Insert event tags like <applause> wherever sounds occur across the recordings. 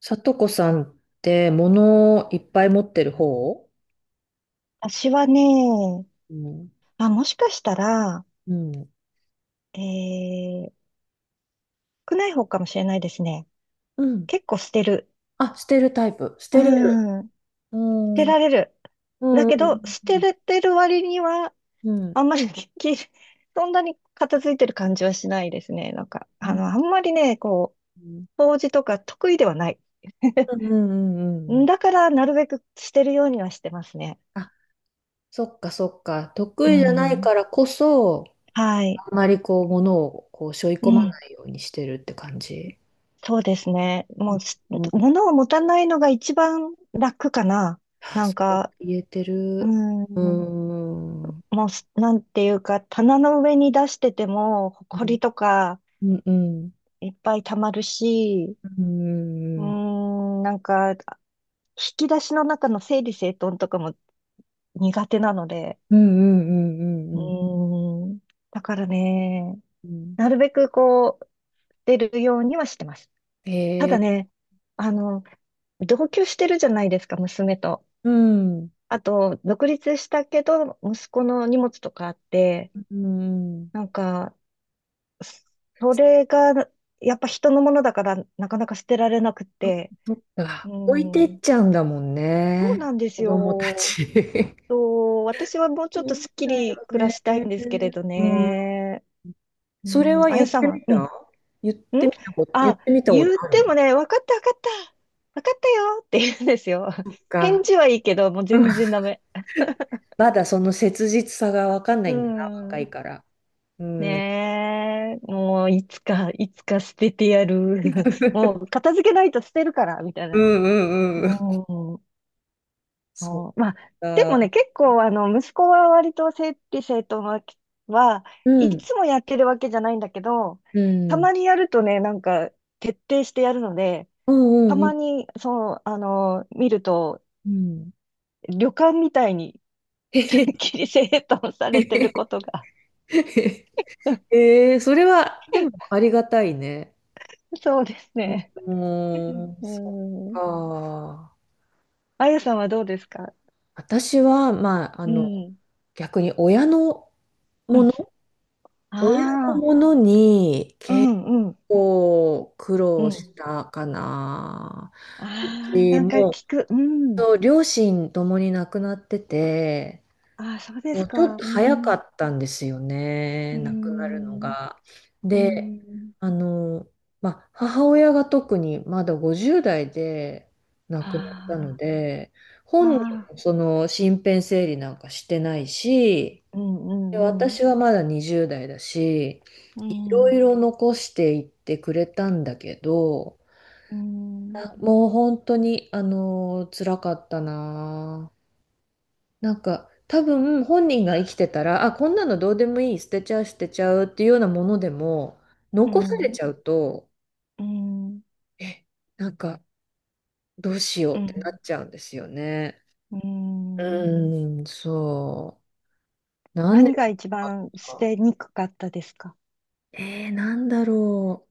さとこさんって物をいっぱい持ってる方。私はね、うん。あ、もしかしたら、うん。えー、少ない方かもしれないですね。うん。結構捨てる。あ、捨てるタイプ。捨うてれる。ん、捨うてん。うんられる。だうけど、捨てんれてる割には、うんあんまりできる。<laughs> そんなに片付いてる感じはしないですね。なんか、うん。あんまりね、こうんう、掃除とか得意ではない。<laughs> うんうんうん。だから、なるべく捨てるようにはしてますね。あ、そっかそっか。う得意じゃないん、からこそ、はい。あんまりこう物をこう背負いう込まん。ないようにしてるって感じ。そうですね。もうす、うん。物を持たないのが一番楽かな。あ、なんそれもか、言えてうーる。うん、ん。うもうす、なんていうか、棚の上に出してても、ん埃とかうんうんいっぱい溜まるし、うんなんか、引き出しの中の整理整頓とかも苦手なので、うんうんうんうんううんうんーん、だからね、うん。なるべくこう、出るようにはしてます。ただええ。ね、あの、同居してるじゃないですか、娘と。うん。あと、独立したけど、息子の荷物とかあって、うん。なんか、それが、やっぱ人のものだから、なかなか捨てられなくっそ、て、そっうか。置いてん、っちゃうんだもんそうね、なんです子供たよ。ち。<laughs> 私はもうちそょっとうすっきだりよ暮らね。したいんですけれどうん。ね。うそれん、はあ言っやさんてみは、うた、ん、言っうん、てみたこと、言っあ、てみたこと言っあるての？もね、わかったわかった、わかったよって言うんですよ。そっ <laughs> 返か。事はいいけど、もううん。全然ダメ。まだその切実さがわかんなういんだな、若いん。から。うん。ねえ、もういつか、いつか捨ててやる。<laughs> もう <laughs> 片付けないと捨てるから、みたいうな。んうんうん。うん。そっそうんまあ、でか。もね、結構、息子は割と整理整頓はういん。つもやってるわけじゃないんだけど、うたん。まにやるとね、なんか、徹底してやるので、うんたうんうまん。に、そう、見ると、うん。旅館みたいに <laughs> へへ、 <laughs> きり整頓さへれてることが。へ。ええ、それは、でも <laughs> ありがたいね。そうですね。うーん、うそっん。か。あやさんはどうですか？私は、まあ、うん。<laughs> うん逆に親のもの、親のあものにあー、う結んうん、構苦う労しん。たかな。うああ、ちなんかも、聞く。うん。そう、両親ともに亡くなってて、ああ、そうでもすうか。ちょっとう早かん。ったんですようね、亡くなるのん。が。うで、ん。あの、まあ、母親が特にまだ50代で亡くなったのあで、あ、本人あもその身辺整理なんかしてないし、あ、うんうで、んうん。私はまだ20代だし、ういろいん。ろ残していってくれたんだけど、うん。あ、もう本当に、辛かったな。なんか多分本人が生きてたら、あ、こんなのどうでもいい、捨てちゃうっていうようなものでも、う残されん。ちゃうと、うん。え、なんかどうしよううってなんっちゃうんですよね。うん。うーん、そう。何年何が一か番捨あってにくかったですか？た。なんだろ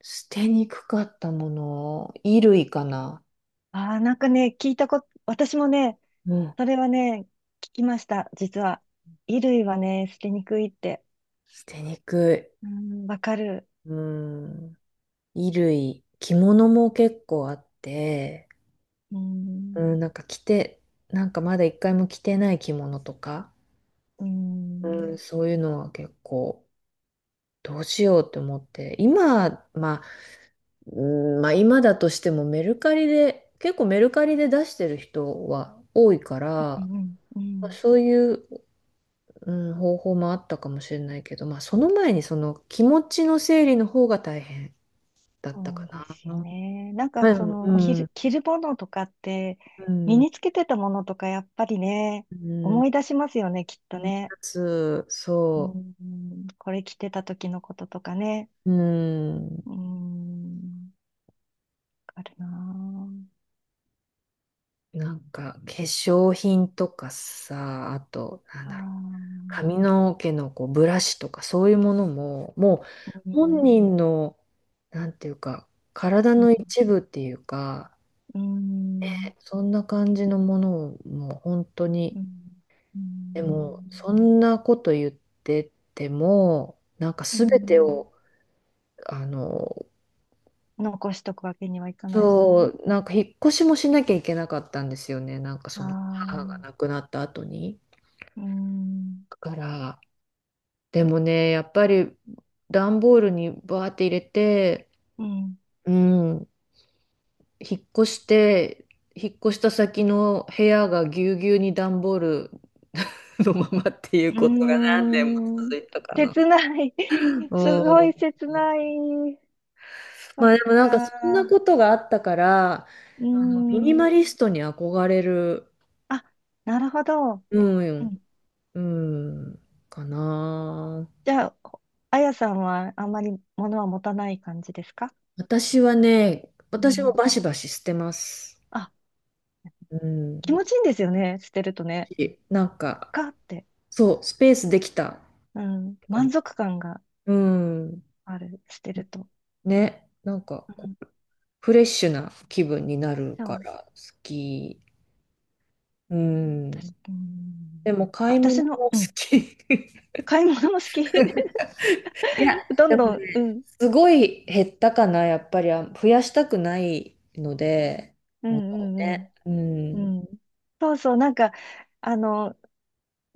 う。捨てにくかったもの。衣類かな。ああなんかね、聞いたこと、私もね、うん。それはね、聞きました、実は。衣類はね、捨てにくいって。捨てにくうん、わかる。い。うん。衣類。着物も結構あって、ううん、ん、なんか着て、なんかまだ一回も着てない着物とか、ううん、ん、そういうのは結構どうしようって思って、今、まあ、うん、まあ今だとしてもメルカリで、結構メルカリで出してる人は多いから、うん、うまあん。そういう、うん、方法もあったかもしれないけど、まあその前にその気持ちの整理の方が大変だったそかうでな。すうよん。ね。なんかうその着ん、る、着るものとかって、う身ん、につけてたものとかやっぱりね、うん、思い出しますよね、きっとうん、ね。うそん、これ着てた時のこととかね。う、うん。うん、わかるななんか化粧品とかさ、あと、なんあ。あだろう、ー髪の毛のこうブラシとかそういうものも、もうう本ん、人の、なんていうか、体うん、の一部っていうか、うん、そんな感じのものをもう本当に、うん、うでも、そん、んなこと言ってても、なんかう全てん、を、あの、残しとくわけにはいかないしそね。う、なんか引っ越しもしなきゃいけなかったんですよね、なんかそあの母が亡あ、くなった後に。うん、だから、でもね、やっぱり段ボールにバーって入れて、うん。うん、引っ越して、引っ越した先の部屋がぎゅうぎゅうに段ボールのままっていううことがー何年も続ん。いたかな。切ない。<laughs> すうごいん。切ない。そまっあでもなんかそんなか。ことがあったから、うーあのミニマん。リストに憧れる、あ、なるほど。ううん、ん。うん、かな。じゃあ、あやさんはあんまり物は持たない感じですか？私はね、う私もん。バシバシ捨てます。あ、う気ん。持ちいいんですよね。捨てるとね。なんか、かって。そう、スペースできたっうん。て感満じ。足感がうん。ある。捨てると。ね。なんかうこん。う、フレッシュな気分になるそかう。ら、好き。うん。私、うでん。も、買い物も私の、好うん。き。<laughs> 買い物も好き。いや、どでんもどん、うね、ん、すごい減ったかな、やっぱり。あ、増やしたくないので、うものをん、うん、ね。ううん。ん。うん、そうそう、なんか、あの、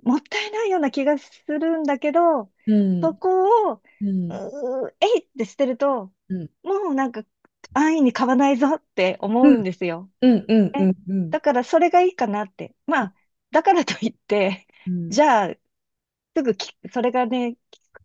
もったいないような気がするんだけど、うそん。こを、うん。えいって捨てると、うん。もうなんか、安易に買わないぞって思ううんん。ですよ。うん。うえ、ん。うん。だからそれがいいかなって。まあ、だからといって、うじんゃあ、すぐき、それがね、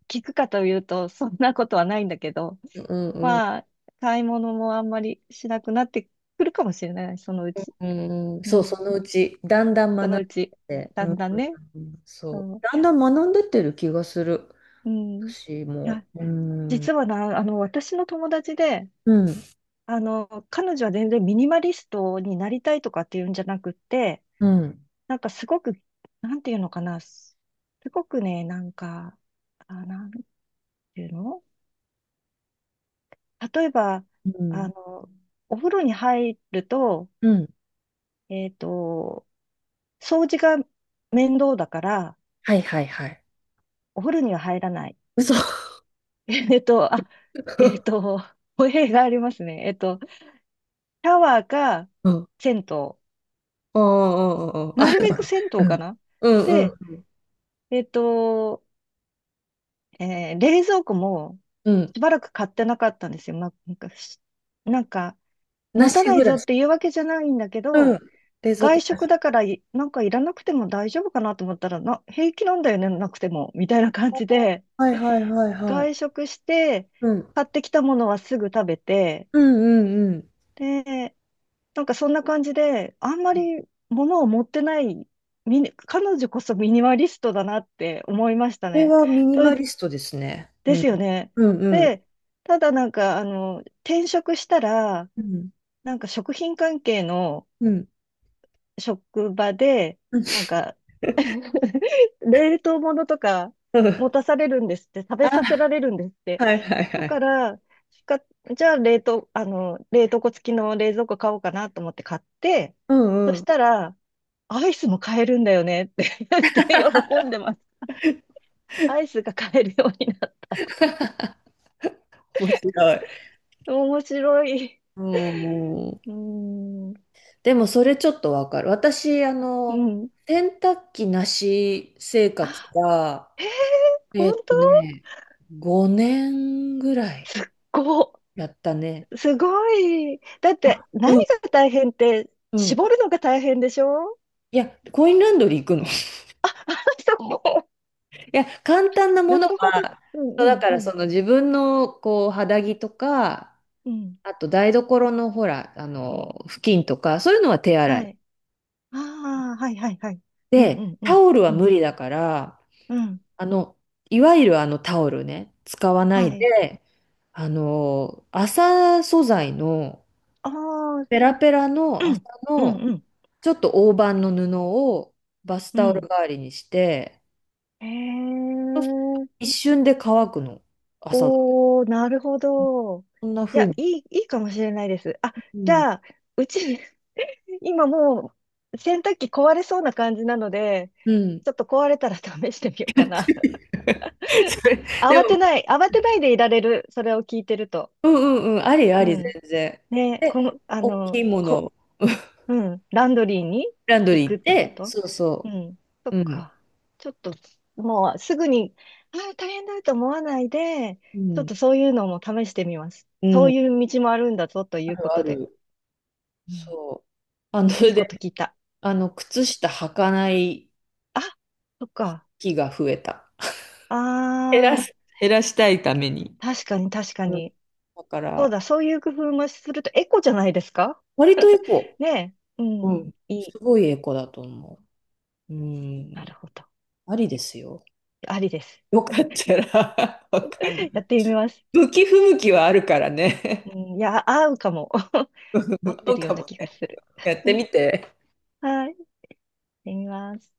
き効くかというと、そんなことはないんだけど、うんうんうんまあ、買い物もあんまりしなくなってくるかもしれない、そのうち。うんうん、うそう、そのん。うち、だんだん学そのんでうち、て、だうんん、だんね。うん、そう。そだんだん学んでってる気がする。う。うん。い私も。や、うん。う実はな、私の友達で、ん。彼女は全然ミニマリストになりたいとかっていうんじゃなくって、うん。なんかすごく、なんていうのかな、すごくね、なんか、あ、なんていうの、例えば、うん。あの、お風呂に入ると、うん。えっと、掃除が面倒だから、はいはいはい。お風呂には入らない。嘘。<laughs> あ、えっ <laughs> と、お部屋がありますね。シャワーかうん。銭湯。ああ、ああ、あなあ。るべく銭湯かな。うん。うで、ん。えっと、冷蔵庫もうん。しばらく買ってなかったんですよ。ま、なんか、しなんか、な持したない暮ぞらっし。ていうわけじゃないんだけうん。ど、冷蔵外庫な食し。だからいなんかいらなくても大丈夫かなと思ったら、平気なんだよね、なくても、みたいな感じで、はいはいはいはい。外食して、うん。買ってきたものはすぐ食べて、うんうんうん。で、なんかそんな感じで、あんまり物を持ってない、彼女こそミニマリストだなって思いましたこれね。はミニそマれリストですね。うでん。すよね。うんうん。で、ただなんか、転職したら、うん。なんか食品関係のうん。職場で、なんか <laughs> 冷凍物とか持た <laughs> されるんですって、食べさあ、せられるんですって。はいはいだはい。から、しか、じゃあ冷凍庫付きの冷蔵庫買おうかなと思って買って、うんそうしん。たら、アイスも買えるんだよねって <laughs> 言って喜んでます。アイスが買えるようになった。面白い。面白い。うん。うーん、でもそれちょっとわかる。私、うん。洗濯機なし生活あ、が、へえ、本えーっ当とね、5年ぐらいすっごい。やったね。すごい。だっあ、て、何うんが大変って、うん。絞るのが大変でしょ？いや、コインランドリー行くの。<laughs> いあ、あ、そこ。や、簡単なもなのるほど。は、うんそうだうんからうん。その自分のこう肌着とか、うん。あと台所のほら、布巾とか、そういうのは手洗はい。い。ああ、はいはいはい。うんうで、んうタんオルはう無ん。理だから、うん。あの、いわゆるあのタオルね、使わなはいい。で、麻素材の、ああ、うペんラペラの麻うんの、うんちょっと大判の布をバスうタオルん。代わりにして、へそうするとえ。一瞬で乾くの、朝だ。おお、なるほど。こんない風や、に。いい、いいかもしれないです。あ、うじん。ゃあ、うち、今もう洗濯機壊れそうな感じなので、うん。ちょっと壊れたら試してみようかな。<laughs> <laughs> それでも、慌てない、慌てないでいられる、それを聞いてると。うんうんうん、ありあうり、全ん。然。ね、で、この、大きいもの、うん、ランドリーにランド行リーく行っってこて、と？そうそうん。そう。っうん。か。ちょっと、もうすぐに、大変だと思わないで、うちょっん。とそういうのも試してみます。うそん。ういう道もあるんだぞといあうるこあとで。る。うん、そう。あの、いいことで、聞いた。あの、靴下履かないあ、そっか。日が増えた。減らあす、あ、減らしたいために。確かに確かうん。に。だかそうら、だ、そういう工夫もするとエコじゃないですか？割とエコ。ねえ。ううん。ん。いい。すごいエコだと思う。うなん。るほど。ありですよ。ありです。よかったら <laughs> わかん <laughs> なやい。ってみます。向き不向きはあるからね。うん、いや、合うかも。<laughs> 合っ <laughs> てそうるよかうなも気がね。する。やっうてん、みて。はい。やってみます。